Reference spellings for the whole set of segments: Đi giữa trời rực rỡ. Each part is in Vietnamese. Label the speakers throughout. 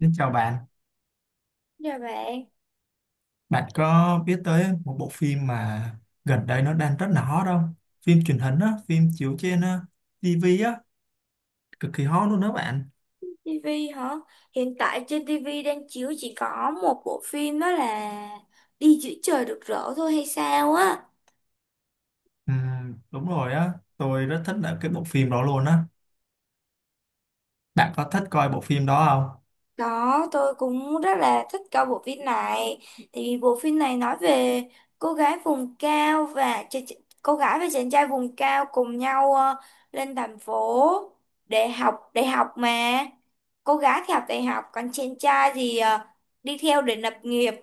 Speaker 1: Xin chào bạn,
Speaker 2: Dạ bạn,
Speaker 1: bạn có biết tới một bộ phim mà gần đây nó đang rất là hot không? Phim truyền hình á, phim chiếu trên TV á, cực kỳ hot luôn đó bạn.
Speaker 2: TV hả? Hiện tại trên TV đang chiếu chỉ có một bộ phim đó là Đi giữa trời rực rỡ thôi hay sao á.
Speaker 1: Đúng rồi á, tôi rất thích là cái bộ phim đó luôn á. Bạn có thích coi bộ phim đó không?
Speaker 2: Đó, tôi cũng rất là thích coi bộ phim này. Thì bộ phim này nói về cô gái vùng cao và ch ch- cô gái và chàng trai vùng cao cùng nhau lên thành phố để học đại học mà. Cô gái thì học đại học, còn chàng trai thì đi theo để lập nghiệp.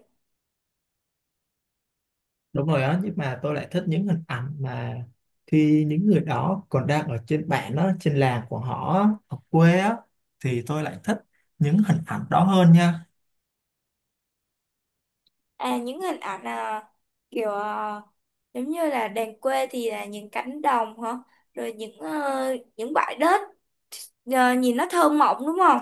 Speaker 1: Đúng rồi á, nhưng mà tôi lại thích những hình ảnh mà khi những người đó còn đang ở trên bản đó, trên làng của họ á, ở quê á, thì tôi lại thích những hình ảnh đó hơn nha.
Speaker 2: À những hình ảnh à, kiểu giống như là đàn quê thì là những cánh đồng hả, rồi những những bãi đất, nhìn nó thơ mộng đúng không?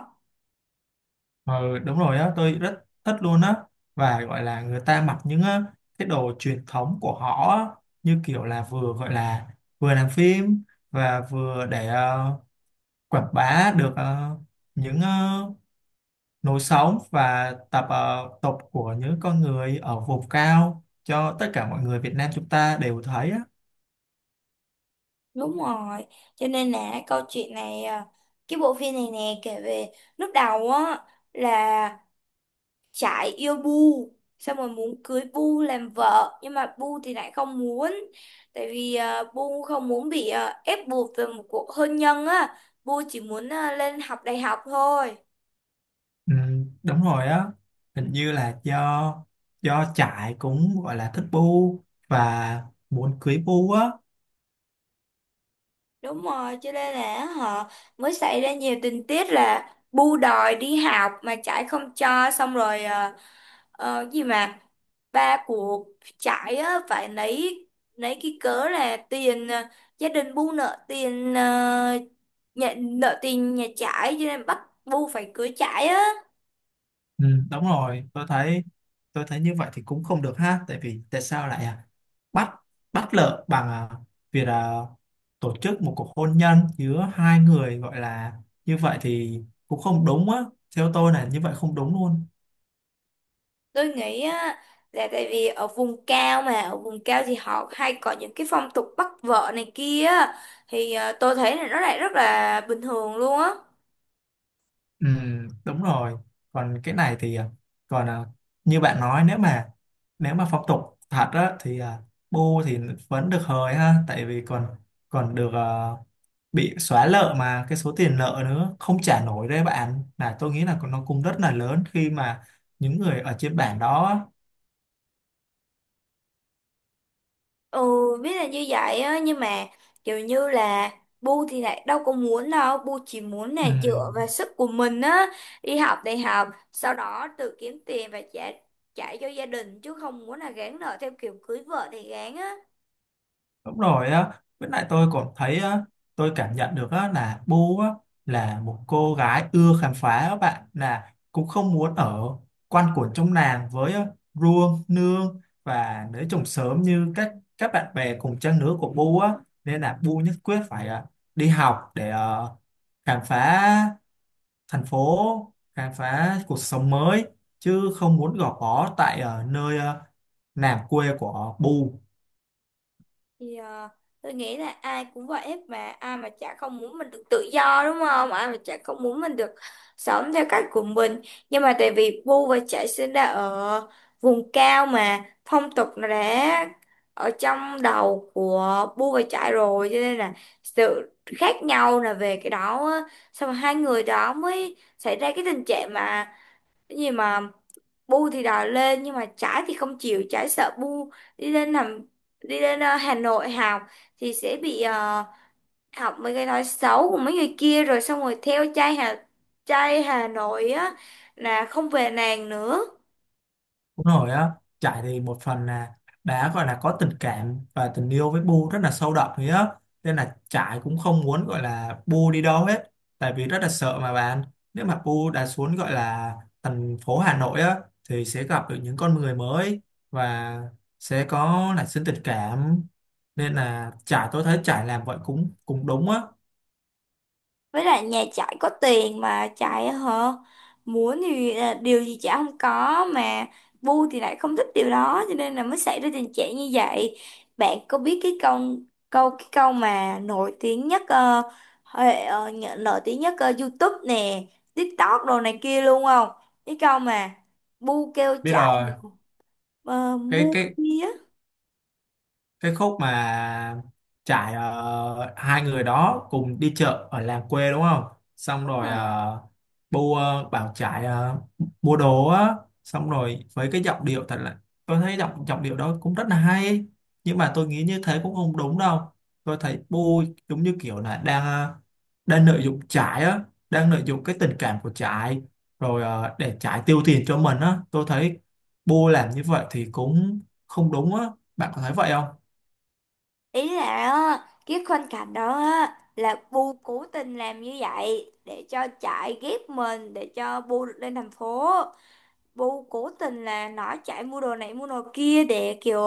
Speaker 1: Ờ, đúng rồi á, tôi rất thích luôn á và gọi là người ta mặc những cái đồ truyền thống của họ á, như kiểu là vừa gọi là vừa làm phim và vừa để quảng bá được những lối sống và tập tục của những con người ở vùng cao cho tất cả mọi người Việt Nam chúng ta đều thấy á.
Speaker 2: Đúng rồi, cho nên là câu chuyện này cái bộ phim này nè kể về lúc đầu á, là Trải yêu Bu, xong rồi muốn cưới Bu làm vợ, nhưng mà Bu thì lại không muốn tại vì Bu không muốn bị ép buộc từ một cuộc hôn nhân á. Bu chỉ muốn lên học đại học thôi.
Speaker 1: Ừ, đúng rồi á, hình như là do do trại cũng gọi là thích bu và muốn cưới bu á.
Speaker 2: Đúng rồi, cho nên là họ mới xảy ra nhiều tình tiết là bu đòi đi học mà trải không cho, xong rồi gì mà ba của trải á, phải lấy cái cớ là tiền, gia đình bu nợ tiền, nhà, nợ tiền nhà trải, cho nên bắt bu phải cưới trải á.
Speaker 1: Ừ, đúng rồi, tôi thấy như vậy thì cũng không được ha, tại vì tại sao lại à? Bắt bắt lợ bằng à, việc à, tổ chức một cuộc hôn nhân giữa hai người gọi là như vậy thì cũng không đúng á, theo tôi là như vậy không đúng luôn.
Speaker 2: Tôi nghĩ á, là tại vì ở vùng cao, mà ở vùng cao thì họ hay có những cái phong tục bắt vợ này kia á. Thì tôi thấy là nó lại rất là bình thường luôn á.
Speaker 1: Ừ, đúng rồi. Còn cái này thì à, còn à, như bạn nói nếu mà phong tục thật á thì à, bu thì vẫn được hời ha, tại vì còn còn được à, bị xóa nợ mà cái số tiền nợ nữa không trả nổi đấy bạn. Là tôi nghĩ là nó cũng rất là lớn khi mà những người ở trên bản đó.
Speaker 2: Ừ, biết là như vậy á, nhưng mà kiểu như là Bu thì lại đâu có muốn đâu, Bu chỉ muốn
Speaker 1: Ừ.
Speaker 2: là dựa vào sức của mình á, đi học đại học, sau đó tự kiếm tiền và trả trả cho gia đình, chứ không muốn là gán nợ theo kiểu cưới vợ thì gán á.
Speaker 1: Đúng rồi á, với lại tôi còn thấy á, tôi cảm nhận được á, là Bu á, là một cô gái ưa khám phá á bạn, là cũng không muốn ở quanh quẩn trong làng với á, Ruông, Nương và nữ trùng sớm như các bạn bè cùng trang lứa của Bu á, nên là Bu nhất quyết phải à, đi học để khám phá thành phố, khám phá cuộc sống mới chứ không muốn gò bó tại nơi làng quê của Bu.
Speaker 2: Thì tôi nghĩ là ai cũng vậy hết, mà ai mà chả không muốn mình được tự do, đúng không, ai mà chả không muốn mình được sống theo cách của mình. Nhưng mà tại vì Bu và Trải sinh ra ở vùng cao, mà phong tục nó đã ở trong đầu của Bu và Trải rồi, cho nên là sự khác nhau là về cái đó á. Xong rồi hai người đó mới xảy ra cái tình trạng mà cái gì mà Bu thì đòi lên, nhưng mà Trái thì không chịu. Trái sợ Bu đi lên làm, đi lên Hà Nội học thì sẽ bị học mấy cái nói xấu của mấy người kia, rồi xong rồi theo trai Hà Nội á, là không về nàng nữa.
Speaker 1: Đúng rồi á, trải thì một phần là đã gọi là có tình cảm và tình yêu với Bu rất là sâu đậm ấy á. Nên là trải cũng không muốn gọi là Bu đi đâu hết. Tại vì rất là sợ mà bạn. Nếu mà Bu đã xuống gọi là thành phố Hà Nội á, thì sẽ gặp được những con người mới và sẽ có nảy sinh tình cảm. Nên là trải, tôi thấy trải làm vậy cũng cũng đúng á.
Speaker 2: Với lại nhà chạy có tiền mà chạy á hả, muốn thì à, điều gì chả không có, mà Bu thì lại không thích điều đó, cho nên là mới xảy ra tình trạng như vậy. Bạn có biết cái câu, cái câu mà nổi tiếng nhất nổi tiếng nhất YouTube nè, TikTok đồ này kia luôn không? Cái câu mà Bu kêu
Speaker 1: Biết
Speaker 2: chạy
Speaker 1: rồi,
Speaker 2: ờ,
Speaker 1: cái
Speaker 2: mua
Speaker 1: cái
Speaker 2: bia.
Speaker 1: cái khúc mà trải hai người đó cùng đi chợ ở làng quê đúng không, xong
Speaker 2: Đúng
Speaker 1: rồi
Speaker 2: rồi,
Speaker 1: uh, bu bảo trải mua đồ á, xong rồi với cái giọng điệu thật là, tôi thấy giọng giọng điệu đó cũng rất là hay, nhưng mà tôi nghĩ như thế cũng không đúng đâu. Tôi thấy bu giống như kiểu là đang đang lợi dụng trải á, đang lợi dụng cái tình cảm của trải rồi để trải tiêu tiền cho mình á, tôi thấy bu làm như vậy thì cũng không đúng á, bạn có thấy vậy không?
Speaker 2: ý là á, cái khoảnh cảnh đó á, là Bu cố tình làm như vậy để cho chạy ghép mình, để cho Bu được lên thành phố. Bu cố tình là nói chạy mua đồ này mua đồ kia để kiểu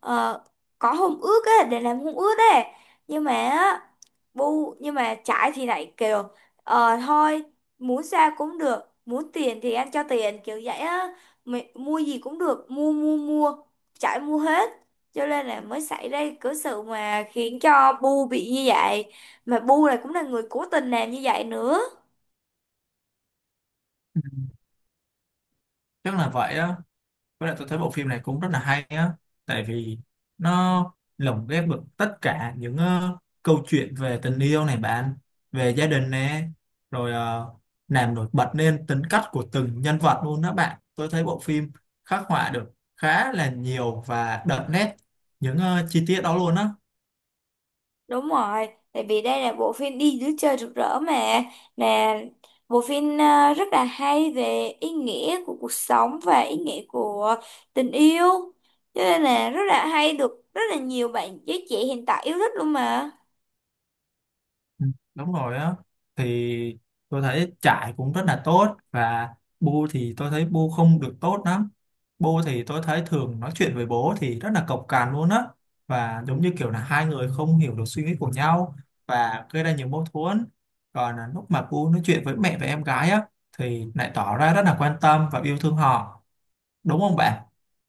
Speaker 2: ờ, có hôn ước á, để làm hôn ước á. Nhưng mà á, nhưng mà Trải thì lại kiểu ờ thôi, muốn sao cũng được, muốn tiền thì anh cho tiền kiểu vậy á, mày, mua gì cũng được, mua mua mua. Trải mua hết, cho nên là mới xảy ra cái sự mà khiến cho Bu bị như vậy, mà Bu này cũng là người cố tình làm như vậy nữa.
Speaker 1: Ừ, chắc là vậy á, với lại tôi thấy bộ phim này cũng rất là hay á, tại vì nó lồng ghép được tất cả những câu chuyện về tình yêu này bạn, về gia đình nè, rồi làm nổi bật lên tính cách của từng nhân vật luôn đó bạn. Tôi thấy bộ phim khắc họa được khá là nhiều và đậm nét những chi tiết đó luôn á.
Speaker 2: Đúng rồi, tại vì đây là bộ phim Đi dưới trời rực rỡ mà bộ phim à, rất là hay về ý nghĩa của cuộc sống và ý nghĩa của tình yêu. Cho nên là rất là hay, được rất là nhiều bạn giới trẻ hiện tại yêu thích luôn mà.
Speaker 1: Ừ, đúng rồi á, thì tôi thấy trải cũng rất là tốt và bu thì tôi thấy bu không được tốt lắm. Bu thì tôi thấy thường nói chuyện với bố thì rất là cộc cằn luôn á, và giống như kiểu là hai người không hiểu được suy nghĩ của nhau và gây ra nhiều mâu thuẫn. Còn là lúc mà bu nói chuyện với mẹ và em gái á thì lại tỏ ra rất là quan tâm và yêu thương họ, đúng không bạn?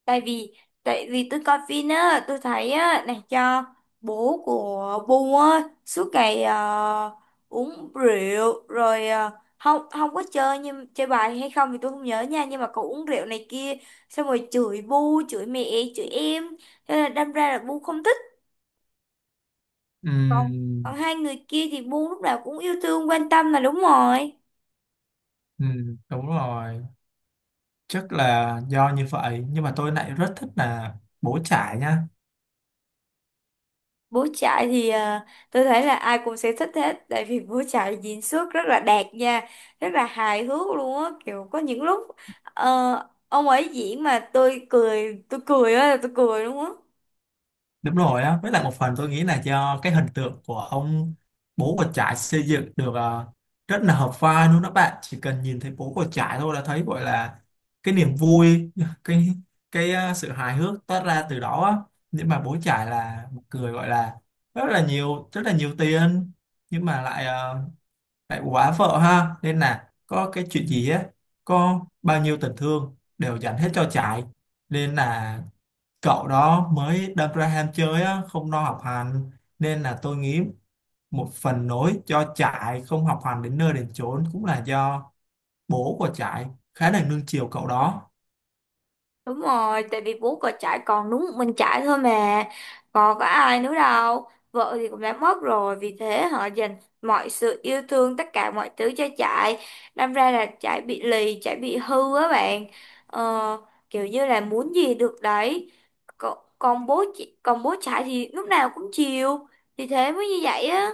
Speaker 2: tại vì tại vì tôi coi phim á, tôi thấy á này cho bố của Bu á suốt ngày uống rượu, rồi không không có chơi, nhưng chơi bài hay không thì tôi không nhớ nha, nhưng mà cậu uống rượu này kia, xong rồi chửi Bu, chửi mẹ, chửi em. Thế là đâm ra là Bu không thích. Còn, còn
Speaker 1: Ừm,
Speaker 2: hai người kia thì Bu lúc nào cũng yêu thương quan tâm là đúng rồi.
Speaker 1: ừm, đúng rồi, chắc là do như vậy, nhưng mà tôi lại rất thích là bố trải nha.
Speaker 2: Bố trại thì tôi thấy là ai cũng sẽ thích hết, tại vì bố trại diễn xuất rất là đạt nha, rất là hài hước luôn á, kiểu có những lúc ờ, ông ấy diễn mà tôi cười á, tôi cười luôn á.
Speaker 1: Đúng rồi á, với lại một phần tôi nghĩ là do cái hình tượng của ông bố của trải xây dựng được rất là hợp vai luôn đó bạn. Chỉ cần nhìn thấy bố của trải thôi là thấy gọi là cái niềm vui, cái cái sự hài hước toát ra từ đó á. Nhưng mà bố trải là một người gọi là rất là nhiều tiền, nhưng mà lại lại quá vợ ha, nên là có cái chuyện gì á, có bao nhiêu tình thương đều dành hết cho trải, nên là cậu đó mới đâm ra ham chơi á, không lo học hành. Nên là tôi nghĩ một phần nỗi cho trại không học hành đến nơi đến chốn cũng là do bố của trại khá là nuông chiều cậu đó.
Speaker 2: Đúng rồi, tại vì bố có trải còn đúng một mình trải thôi mà, còn có ai nữa đâu. Vợ thì cũng đã mất rồi, vì thế họ dành mọi sự yêu thương, tất cả mọi thứ cho trải. Đâm ra là trải bị lì, trải bị hư á bạn. Ờ, kiểu như là muốn gì được đấy. Còn bố trải thì lúc nào cũng chiều, thì thế mới như vậy á.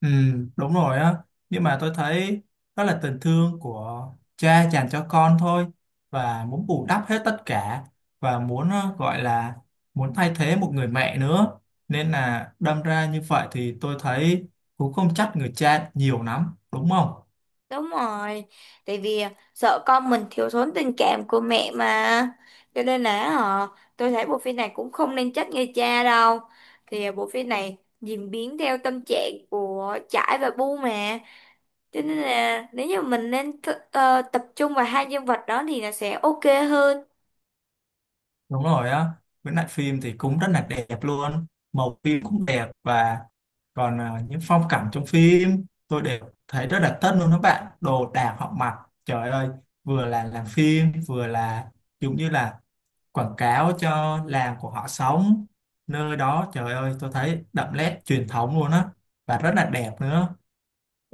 Speaker 1: Ừ, đúng rồi á, nhưng mà tôi thấy đó là tình thương của cha dành cho con thôi, và muốn bù đắp hết tất cả và muốn gọi là muốn thay thế một người mẹ nữa, nên là đâm ra như vậy thì tôi thấy cũng không trách người cha nhiều lắm đúng không?
Speaker 2: Đúng rồi, tại vì à, sợ con mình thiếu thốn tình cảm của mẹ mà. Cho nên là họ, tôi thấy bộ phim này cũng không nên trách người cha đâu. Thì à, bộ phim này diễn biến theo tâm trạng của Trải và Bu mà. Cho nên là nếu như mình nên tập trung vào hai nhân vật đó thì nó sẽ ok hơn.
Speaker 1: Đúng rồi á, với lại phim thì cũng rất là đẹp luôn, màu phim cũng đẹp và còn à, những phong cảnh trong phim tôi đều thấy rất là tân luôn các bạn, đồ đạc họ mặc, trời ơi, vừa là làm phim vừa là giống như là quảng cáo cho làng của họ sống, nơi đó trời ơi tôi thấy đậm nét truyền thống luôn á, và rất là đẹp nữa.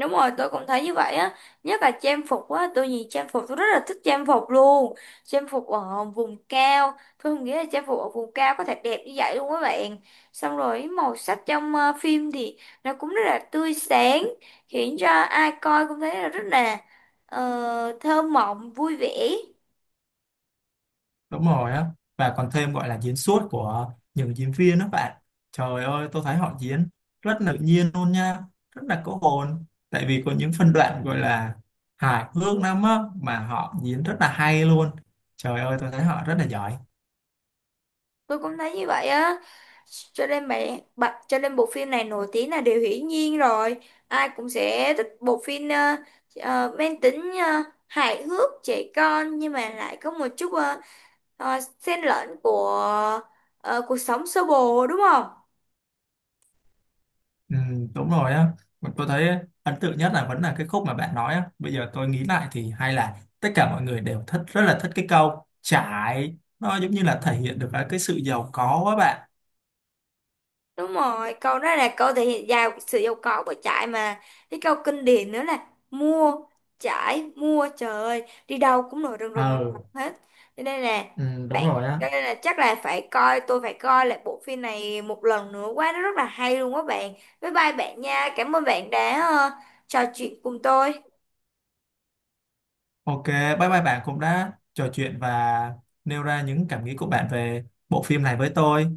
Speaker 2: Đúng rồi, tôi cũng thấy như vậy á, nhất là trang phục á, tôi nhìn trang phục tôi rất là thích trang phục luôn. Trang phục ở vùng cao, tôi không nghĩ là trang phục ở vùng cao có thể đẹp như vậy luôn các bạn. Xong rồi màu sắc trong phim thì nó cũng rất là tươi sáng, khiến cho ai coi cũng thấy là rất là thơ mộng, vui vẻ.
Speaker 1: Đúng rồi á, và còn thêm gọi là diễn xuất của những diễn viên đó bạn, trời ơi tôi thấy họ diễn rất tự nhiên luôn nha, rất là có hồn, tại vì có những phân đoạn gọi là hài hước lắm á mà họ diễn rất là hay luôn, trời ơi tôi thấy họ rất là giỏi.
Speaker 2: Tôi cũng thấy như vậy á, cho nên mẹ bạn, cho nên bộ phim này nổi tiếng là điều hiển nhiên rồi. Ai cũng sẽ thích bộ phim mang tính hài hước trẻ con, nhưng mà lại có một chút xen lẫn của cuộc sống sơ bộ, đúng không?
Speaker 1: Ừ, đúng rồi á. Mà tôi thấy ấn tượng nhất là vẫn là cái khúc mà bạn nói á, bây giờ tôi nghĩ lại thì hay là tất cả mọi người đều thích, rất là thích cái câu trải, nó giống như là thể hiện được cái sự giàu có á bạn.
Speaker 2: Đúng rồi, câu đó là câu thể hiện giàu sự giàu có của trải mà. Cái câu kinh điển nữa là mua, trải, mua, trời ơi, đi đâu cũng nổi rần rần rần
Speaker 1: Ờ.
Speaker 2: hết. Cho nên là
Speaker 1: Ừ, đúng
Speaker 2: bạn,
Speaker 1: rồi á.
Speaker 2: cho nên là chắc là phải coi, tôi phải coi lại bộ phim này một lần nữa quá, nó rất là hay luôn á bạn. Bye bye bạn nha. Cảm ơn bạn đã trò chuyện cùng tôi.
Speaker 1: Ok, bye bye bạn cũng đã trò chuyện và nêu ra những cảm nghĩ của bạn về bộ phim này với tôi.